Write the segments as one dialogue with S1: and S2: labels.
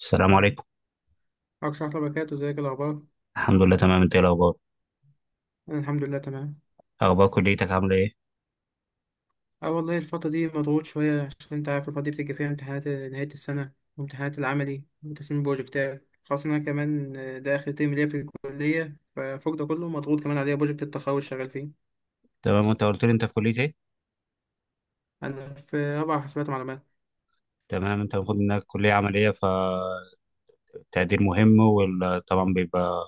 S1: السلام عليكم.
S2: عليكم ورحمة الله وبركاته، ازيك؟ إيه الأخبار؟
S1: الحمد لله تمام، انت ايه الاخبار؟
S2: أنا الحمد لله تمام.
S1: اخبار كليتك عامله ايه؟
S2: والله الفترة دي مضغوط شوية، عشان أنت عارف الفترة دي بتيجي فيها امتحانات نهاية السنة وامتحانات العملي وتسليم البروجكتات، خاصة إن أنا كمان ده آخر ترم ليا في الكلية. ففوق ده كله مضغوط كمان عليا بروجكت التخرج، شغال فيه.
S1: تمام، انت قلت لي انت في كليه ايه؟
S2: أنا في رابعة حاسبات معلومات.
S1: تمام، انت المفروض انك كليه عمليه فالتقدير مهم، وطبعا بيبقى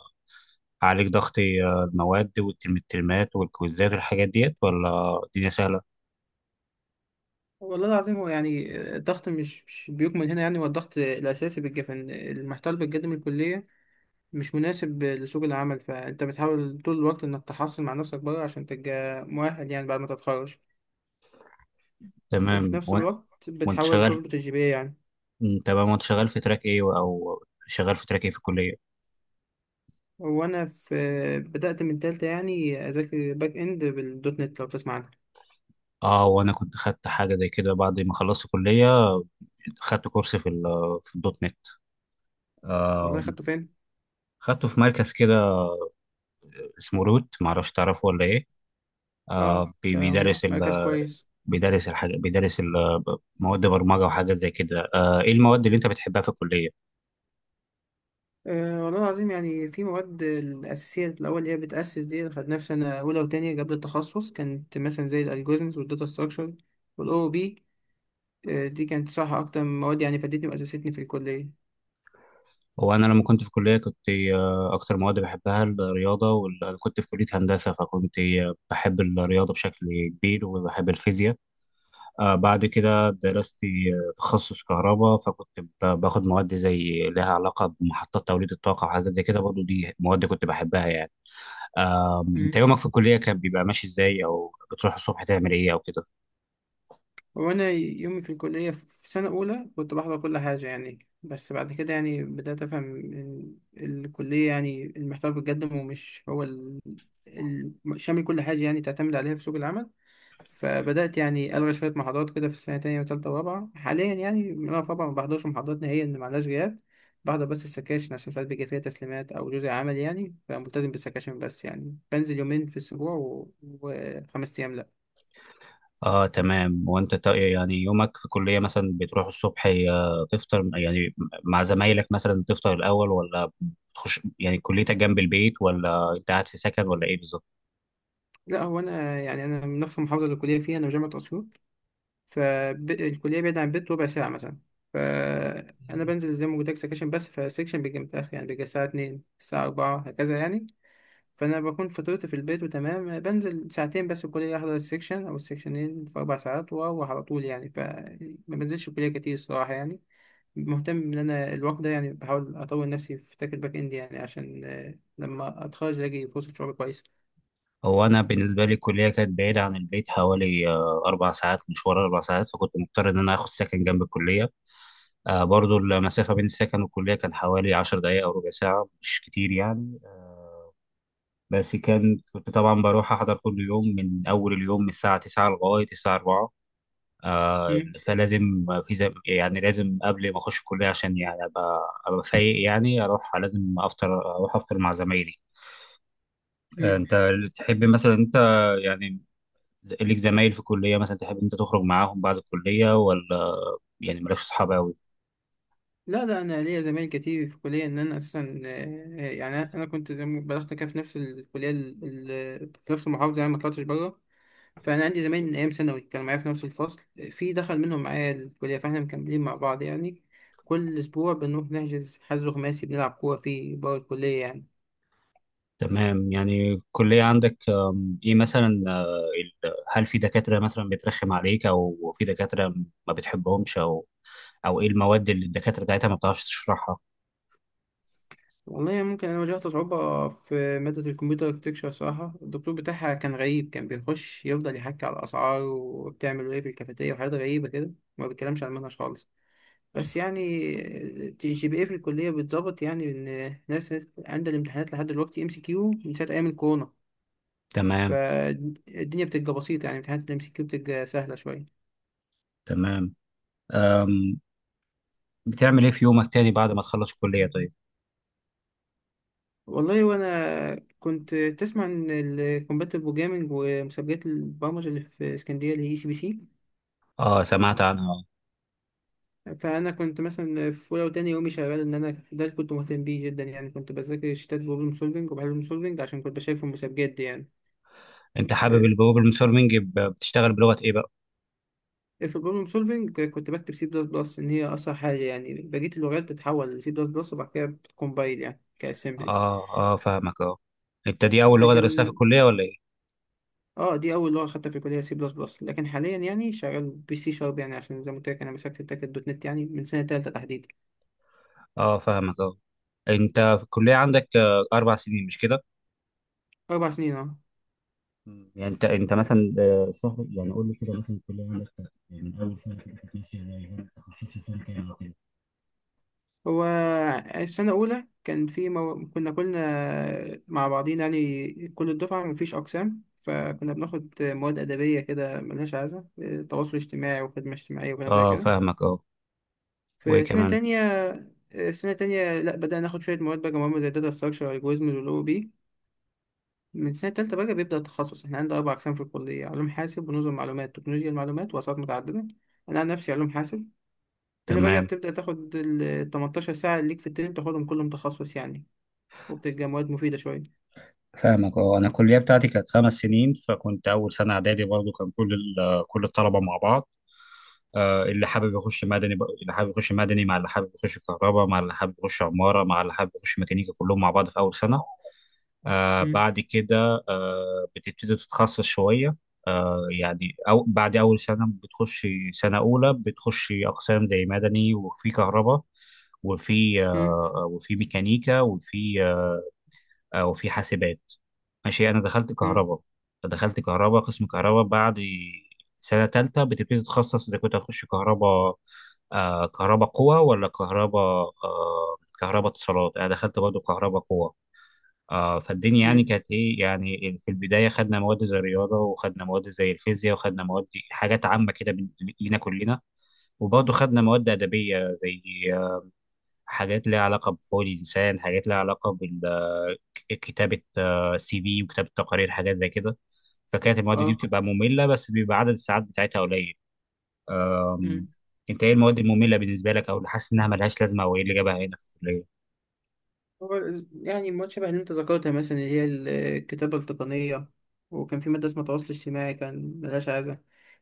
S1: عليك ضغط. اه، المواد والترمات والكويزات والحاجات ديت، ولا الدنيا سهله؟
S2: والله العظيم، هو يعني الضغط مش بيكمن هنا. يعني هو الضغط الأساسي بيبقى إن المحتوى اللي بتقدم الكلية مش مناسب لسوق العمل، فأنت بتحاول طول الوقت إنك تحصل مع نفسك بره عشان تبقى مؤهل يعني بعد ما تتخرج. وفي
S1: تمام.
S2: نفس
S1: وانت
S2: الوقت
S1: وانت
S2: بتحاول
S1: شغال؟
S2: تظبط الجي بي يعني.
S1: تمام. وانت شغال في تراك ايه او شغال في تراك ايه في الكليه؟
S2: وانا في، بدأت من تالتة يعني اذاكر باك اند بالدوت نت لو بتسمع عنها.
S1: اه، وانا كنت خدت حاجه زي كده بعد ما خلصت كليه، خدت كورس في الدوت نت.
S2: والله،
S1: آه.
S2: خدته فين؟
S1: خدته في مركز كده اسمه رود، معرفش تعرفه ولا ايه.
S2: اه
S1: آه بي-
S2: ده
S1: بيدرس
S2: مركز
S1: ال...
S2: كويس.
S1: بيدرس الحاجة بيدرس ال... مواد برمجة وحاجات زي كده. آه، ايه المواد اللي انت بتحبها في الكلية؟
S2: أه والله العظيم، يعني في مواد الأساسية الأول اللي هي بتأسس، دي خدناها في سنة أولى وتانية قبل التخصص، كانت مثلا زي الألجوريزمز والداتا ستراكشر والأو بي. أه دي كانت صح أكتر من مواد، يعني فادتني وأسستني في الكلية.
S1: هو انا لما كنت في الكلية كنت، اكتر مواد بحبها الرياضة كنت في كلية هندسة، فكنت بحب الرياضة بشكل كبير وبحب الفيزياء. آه، بعد كده درست تخصص كهرباء، فكنت باخد مواد زي لها علاقة بمحطات توليد الطاقة وحاجات زي كده، برضو دي مواد كنت بحبها يعني. انت
S2: مم.
S1: يومك في الكلية كان بيبقى ماشي ازاي؟ او بتروح الصبح تعمل ايه او كده؟
S2: وانا يومي في الكليه في سنه اولى كنت بحضر كل حاجه يعني، بس بعد كده يعني بدات افهم ان الكليه يعني المحتوى اللي بيتقدم، ومش هو شامل كل حاجه يعني تعتمد عليها في سوق العمل. فبدات يعني الغي شويه محاضرات كده في السنه التانية وتالتة، ورابعه حاليا يعني من انا في رابعه ما بحضرش محاضرات نهائيا، ان معلاش غياب. بحضر بس السكاشن عشان ساعات بيجي فيها تسليمات او جزء عمل يعني، فملتزم بالسكاشن بس. يعني بنزل يومين في الاسبوع، وخمس ايام لا.
S1: اه تمام. يعني يومك في الكلية مثلا بتروح الصبح، تفطر يعني مع زمايلك مثلا، تفطر الاول؟ ولا بتخش يعني كليتك جنب البيت؟ ولا انت قاعد في سكن ولا ايه بالظبط؟
S2: لا هو انا يعني من نفس المحافظه اللي الكليه فيها، انا في جامعه اسيوط. فالكليه بعيده عن البيت ربع ساعه مثلا. فانا بنزل زي ما قلت لك سكشن بس، فالسكشن بيجي متاخر يعني، بيجي الساعه 2 الساعه 4 هكذا يعني. فانا بكون فطرت في البيت وتمام، بنزل ساعتين بس الكليه، احضر السكشن او السكشنين في 4 ساعات واروح على طول يعني. فما بنزلش الكليه كتير الصراحه يعني. مهتم ان انا الوقت ده يعني بحاول اطور نفسي في تراك الباك اند، يعني عشان لما اتخرج الاقي فرصه شغل كويسه.
S1: هو انا بالنسبة لي الكلية كانت بعيدة عن البيت حوالي، اربع ساعات مشوار، اربع ساعات، فكنت مضطر ان انا اخد سكن جنب الكلية. آه، برضو المسافة بين السكن والكلية كان حوالي عشر دقايق أو ربع ساعة، مش كتير يعني. بس كان كنت طبعا بروح احضر كل يوم من اول اليوم من الساعه 9 لغايه الساعه 4. آه، فلازم يعني لازم قبل ما اخش الكليه عشان يعني ابقى فايق يعني. اروح افطر مع زمايلي. آه،
S2: مم.
S1: انت تحب مثلا انت يعني ليك زمايل في الكليه مثلا تحب انت تخرج معاهم بعد الكليه؟ ولا يعني مالكش اصحاب قوي؟
S2: لا لا، انا ليا زمايل كتير في الكليه. ان انا اساسا يعني انا كنت زي ما بلغت كده في نفس الكليه، في نفس المحافظه يعني، ما طلعتش بره. فانا عندي زمايل من ايام ثانوي كانوا معايا في نفس الفصل، في دخل منهم معايا الكليه، فاحنا مكملين مع بعض يعني. كل اسبوع بنروح نحجز حجز خماسي بنلعب كوره فيه بره الكليه يعني.
S1: تمام. يعني الكلية عندك، إيه مثلا، هل في دكاترة مثلا بترخم عليك؟ أو في دكاترة ما بتحبهمش؟ أو إيه المواد اللي الدكاترة بتاعتها ما بتعرفش تشرحها؟
S2: والله، ممكن انا واجهت صعوبه في ماده الكمبيوتر اركتكشر. صراحه الدكتور بتاعها كان غريب، كان بيخش يفضل يحكي على الاسعار وبتعمل ايه في الكافيتيريا وحاجات غريبه كده، ما بيتكلمش عن المنهج خالص. بس يعني جي جي بي ايه في الكلية بتظبط، يعني إن ناس عندها الامتحانات لحد دلوقتي ام سي كيو من ساعة أيام الكورونا.
S1: تمام.
S2: فالدنيا بتبقى بسيطة يعني، امتحانات الام سي كيو بتبقى سهلة شوية.
S1: تمام. آم، بتعمل إيه في يومك تاني بعد ما تخلص الكلية طيب؟
S2: والله وأنا كنت تسمع عن الكومباتيف بروجرامينج ومسابقات البرمجة اللي في اسكندرية اللي هي اي سي بي سي.
S1: آه، سمعت عنها آه.
S2: فأنا كنت مثلا في أولى وتاني يومي شغال، إن أنا ده اللي كنت مهتم بيه جدا يعني. كنت بذاكر شتات بروبلم سولفينج وبحل بروبلم سولفينج عشان كنت بشارك في المسابقات دي يعني.
S1: أنت حابب الجلوبال مونيتورنج، بتشتغل بلغة إيه بقى؟
S2: في البروبلم سولفينج كنت بكتب سي بلس بلس ان هي اسرع حاجه يعني، بقيه اللغات بتتحول لسي بلس بلس وبعد كده بتكمبايل يعني كاسمبلي.
S1: آه آه فاهمك آه. أنت دي أول لغة درستها في
S2: لكن
S1: الكلية ولا إيه؟
S2: اه دي اول لغه خدتها في الكليه سي بلس بلس، لكن حاليا يعني شغال بي سي شارب، يعني عشان زي ما قلت لك انا مسكت التاكد دوت نت يعني من سنه تالته تحديدا.
S1: آه فاهمك آه. أنت في الكلية عندك، آه، أربع سنين مش كده؟
S2: 4 سنين اه.
S1: مم. يعني انت مثلا شهر، يعني قول لي كده مثلا الكليه عندك كانت، يعني من اول سنه كده كانت ماشيه ازاي؟ وانت تخصصت فين كام وكده؟
S2: هو في سنه اولى كان في كنا كلنا مع بعضينا يعني، كل الدفعه مفيش اقسام، فكنا بناخد مواد ادبيه كده ملهاش عايزه، تواصل اجتماعي وخدمه اجتماعيه وكلام زي
S1: اه
S2: كده.
S1: فاهمك اه. وايه
S2: في سنة
S1: كمان؟
S2: تانية سنة تانية لا بدأنا ناخد شوية مواد بقى مهمة زي داتا ستراكشر والجوريزمز والأو بي. من سنة تالتة بقى بيبدأ التخصص، احنا عندنا 4 أقسام في الكلية: علوم حاسب ونظم معلومات، تكنولوجيا المعلومات وأسعار متعددة. أنا عن نفسي علوم حاسب. هنا بقى
S1: تمام
S2: بتبدأ تاخد ال 18 ساعة اللي ليك في الترم تاخدهم كلهم تخصص يعني، وبتبقى مواد مفيدة شوية.
S1: فاهمك اه. انا الكليه بتاعتي كانت خمس سنين، فكنت اول سنه اعدادي برضو كان كل الطلبه مع بعض. آه، اللي حابب يخش مدني مع اللي حابب يخش كهرباء مع اللي حابب يخش عماره مع اللي حابب يخش ميكانيكا، كلهم مع بعض في اول سنه. آه
S2: مم.
S1: بعد كده آه بتبتدي تتخصص شوية. آه يعني أو بعد أول سنة بتخش، سنة أولى بتخش أقسام زي مدني، وفي كهرباء،
S2: مم،
S1: وفي ميكانيكا، وفي حاسبات. ماشي، أنا دخلت
S2: مم،
S1: كهرباء. قسم كهرباء. بعد سنة تالتة بتبتدي تتخصص إذا كنت هتخش كهرباء، آه كهرباء قوة ولا كهرباء اتصالات. أنا دخلت برضه كهرباء قوة. آه، فالدنيا يعني
S2: مم،
S1: كانت ايه يعني، في البدايه خدنا مواد زي الرياضه، وخدنا مواد زي الفيزياء، وخدنا مواد حاجات عامه كده لينا كلنا. وبرضه خدنا مواد ادبيه زي، آه، حاجات ليها علاقه بحقوق الانسان، حاجات ليها علاقه بكتابه سي في وكتابه تقارير، حاجات زي كده. فكانت المواد دي
S2: اه.
S1: بتبقى ممله بس بيبقى عدد الساعات بتاعتها قليل. أم، انت ايه المواد الممله بالنسبه لك، او اللي حاسس انها ملهاش لازمه او ايه اللي جابها هنا في الكليه؟
S2: هو يعني المواد شبه اللي انت ذكرتها مثلا، اللي هي الكتابة التقنية. وكان في مادة اسمها تواصل اجتماعي كان ملهاش عايزة.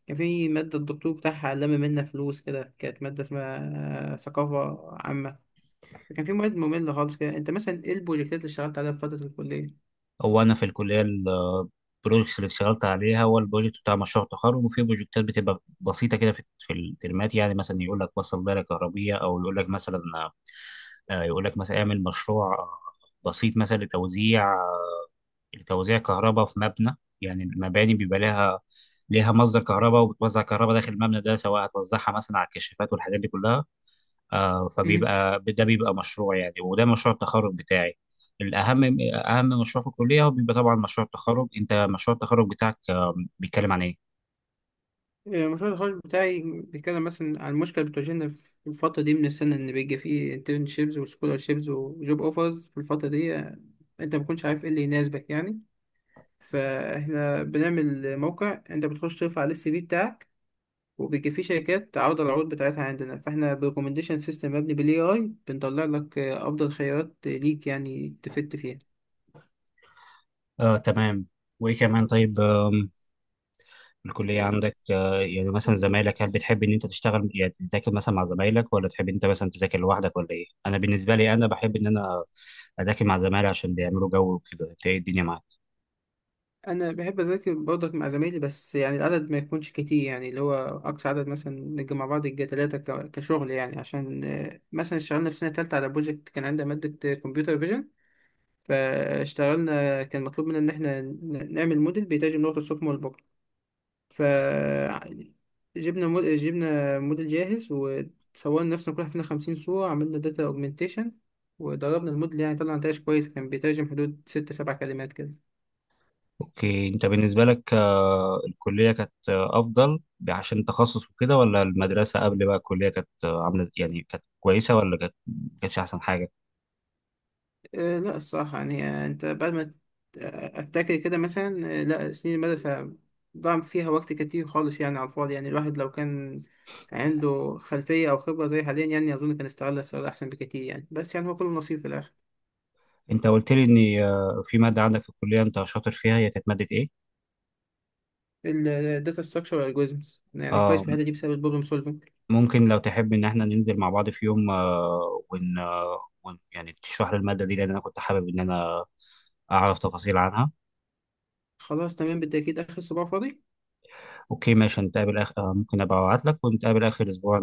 S2: كان في مادة الدكتور بتاعها لم منا فلوس كده، كانت مادة اسمها ثقافة عامة. فكان في مواد مملة خالص كده. انت مثلا ايه البروجكتات اللي اشتغلت عليها في فترة الكلية؟
S1: هو انا في الكليه البروجكتس اللي اشتغلت عليها، هو البروجكت بتاع مشروع التخرج، وفي بروجكتات بتبقى بسيطه كده في الترمات، يعني مثلا يقول لك وصل دايره كهربيه، او يقول لك مثلا، اعمل مشروع، بسيط مثلا لتوزيع كهرباء في مبنى. يعني المباني بيبقى ليها مصدر كهرباء وبتوزع كهرباء داخل المبنى ده، سواء هتوزعها مثلا على الكشافات والحاجات دي كلها. آه،
S2: مم.
S1: فبيبقى ده بيبقى مشروع يعني، وده مشروع التخرج بتاعي. الأهم أهم مشروع في الكلية هو بيبقى طبعا مشروع التخرج. أنت مشروع التخرج بتاعك، آه، بيتكلم عن إيه؟
S2: المشروع التخرج بتاعي بيتكلم مثلا عن مشكلة بتواجهنا في الفترة دي من السنة، إن بيجي فيه internships وscholarships وجوب اوفرز في الفترة دي. أنت مبتكونش عارف ايه اللي يناسبك يعني. فاحنا بنعمل موقع انت بتخش ترفع عليه السي في بتاعك، وبيجي فيه شركات تعرض العروض بتاعتها عندنا، فاحنا بريكومنديشن سيستم مبني بالاي اي بنطلع لك افضل خيارات ليك يعني تفت فيها.
S1: آه تمام. وإيه كمان طيب؟ الكلية عندك، آه، يعني مثلا زمايلك، هل بتحب إن أنت تشتغل يعني تذاكر مثلا مع زمايلك، ولا تحب أنت مثلا تذاكر لوحدك ولا إيه؟ أنا بالنسبة لي أنا بحب إن أنا أذاكر مع زمايلي عشان بيعملوا جو وكده. أنت إيه الدنيا معاك؟
S2: انا بحب اذاكر برضك مع زمايلي، بس يعني العدد ما يكونش كتير، يعني اللي هو اقصى عدد مثلا نجي مع بعض يجي 3 كشغل يعني. عشان مثلا اشتغلنا في سنة تالتة على بروجكت، كان عندنا مادة كمبيوتر فيجن. فاشتغلنا كان مطلوب منا إن إحنا نعمل موديل بيترجم لغة الصم والبكم. فجبنا موديل، جبنا موديل جاهز، وصورنا نفسنا كل واحد فينا 50 صورة، عملنا داتا أوجمنتيشن وضربنا الموديل، يعني طلع نتائج كويسة، كان بيترجم حدود 6 7 كلمات كده.
S1: اوكي، انت بالنسبه لك، آه، الكليه كانت، آه، افضل عشان تخصص وكده، ولا المدرسه قبل بقى الكليه كانت، آه، عامله يعني كانت كويسه ولا كانت ما كانتش احسن حاجه؟
S2: لا الصراحة يعني، آه، أنت بعد ما ت- آه، أفتكر كده مثلا. لا سنين المدرسة ضاع فيها وقت كتير خالص يعني على الفاضي يعني. الواحد لو كان عنده خلفية أو خبرة زي حاليا يعني، أظن كان استغلها استغلال أحسن بكتير يعني. بس يعني هو كله نصيب في الآخر.
S1: انت قلت لي ان، آه، في ماده عندك في الكليه انت شاطر فيها، هي كانت ماده ايه؟
S2: الداتا ستراكشر والالجوريزمز يعني كويس
S1: آه.
S2: في الحتة دي بسبب البروبلم سولفنج.
S1: ممكن لو تحب ان احنا ننزل مع بعض في يوم، آه ون, يعني تشرح لي الماده دي، لان انا كنت حابب ان انا اعرف تفاصيل عنها.
S2: خلاص تمام، بالتأكيد آخر صباع فاضي.
S1: اوكي ماشي. نتقابل آخر، آه، ممكن ابقى ابعت لك ونتقابل اخر اسبوع،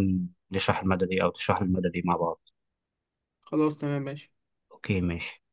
S1: نشرح الماده دي او تشرح لي الماده دي مع بعض.
S2: خلاص تمام ماشي.
S1: اوكي ماشي.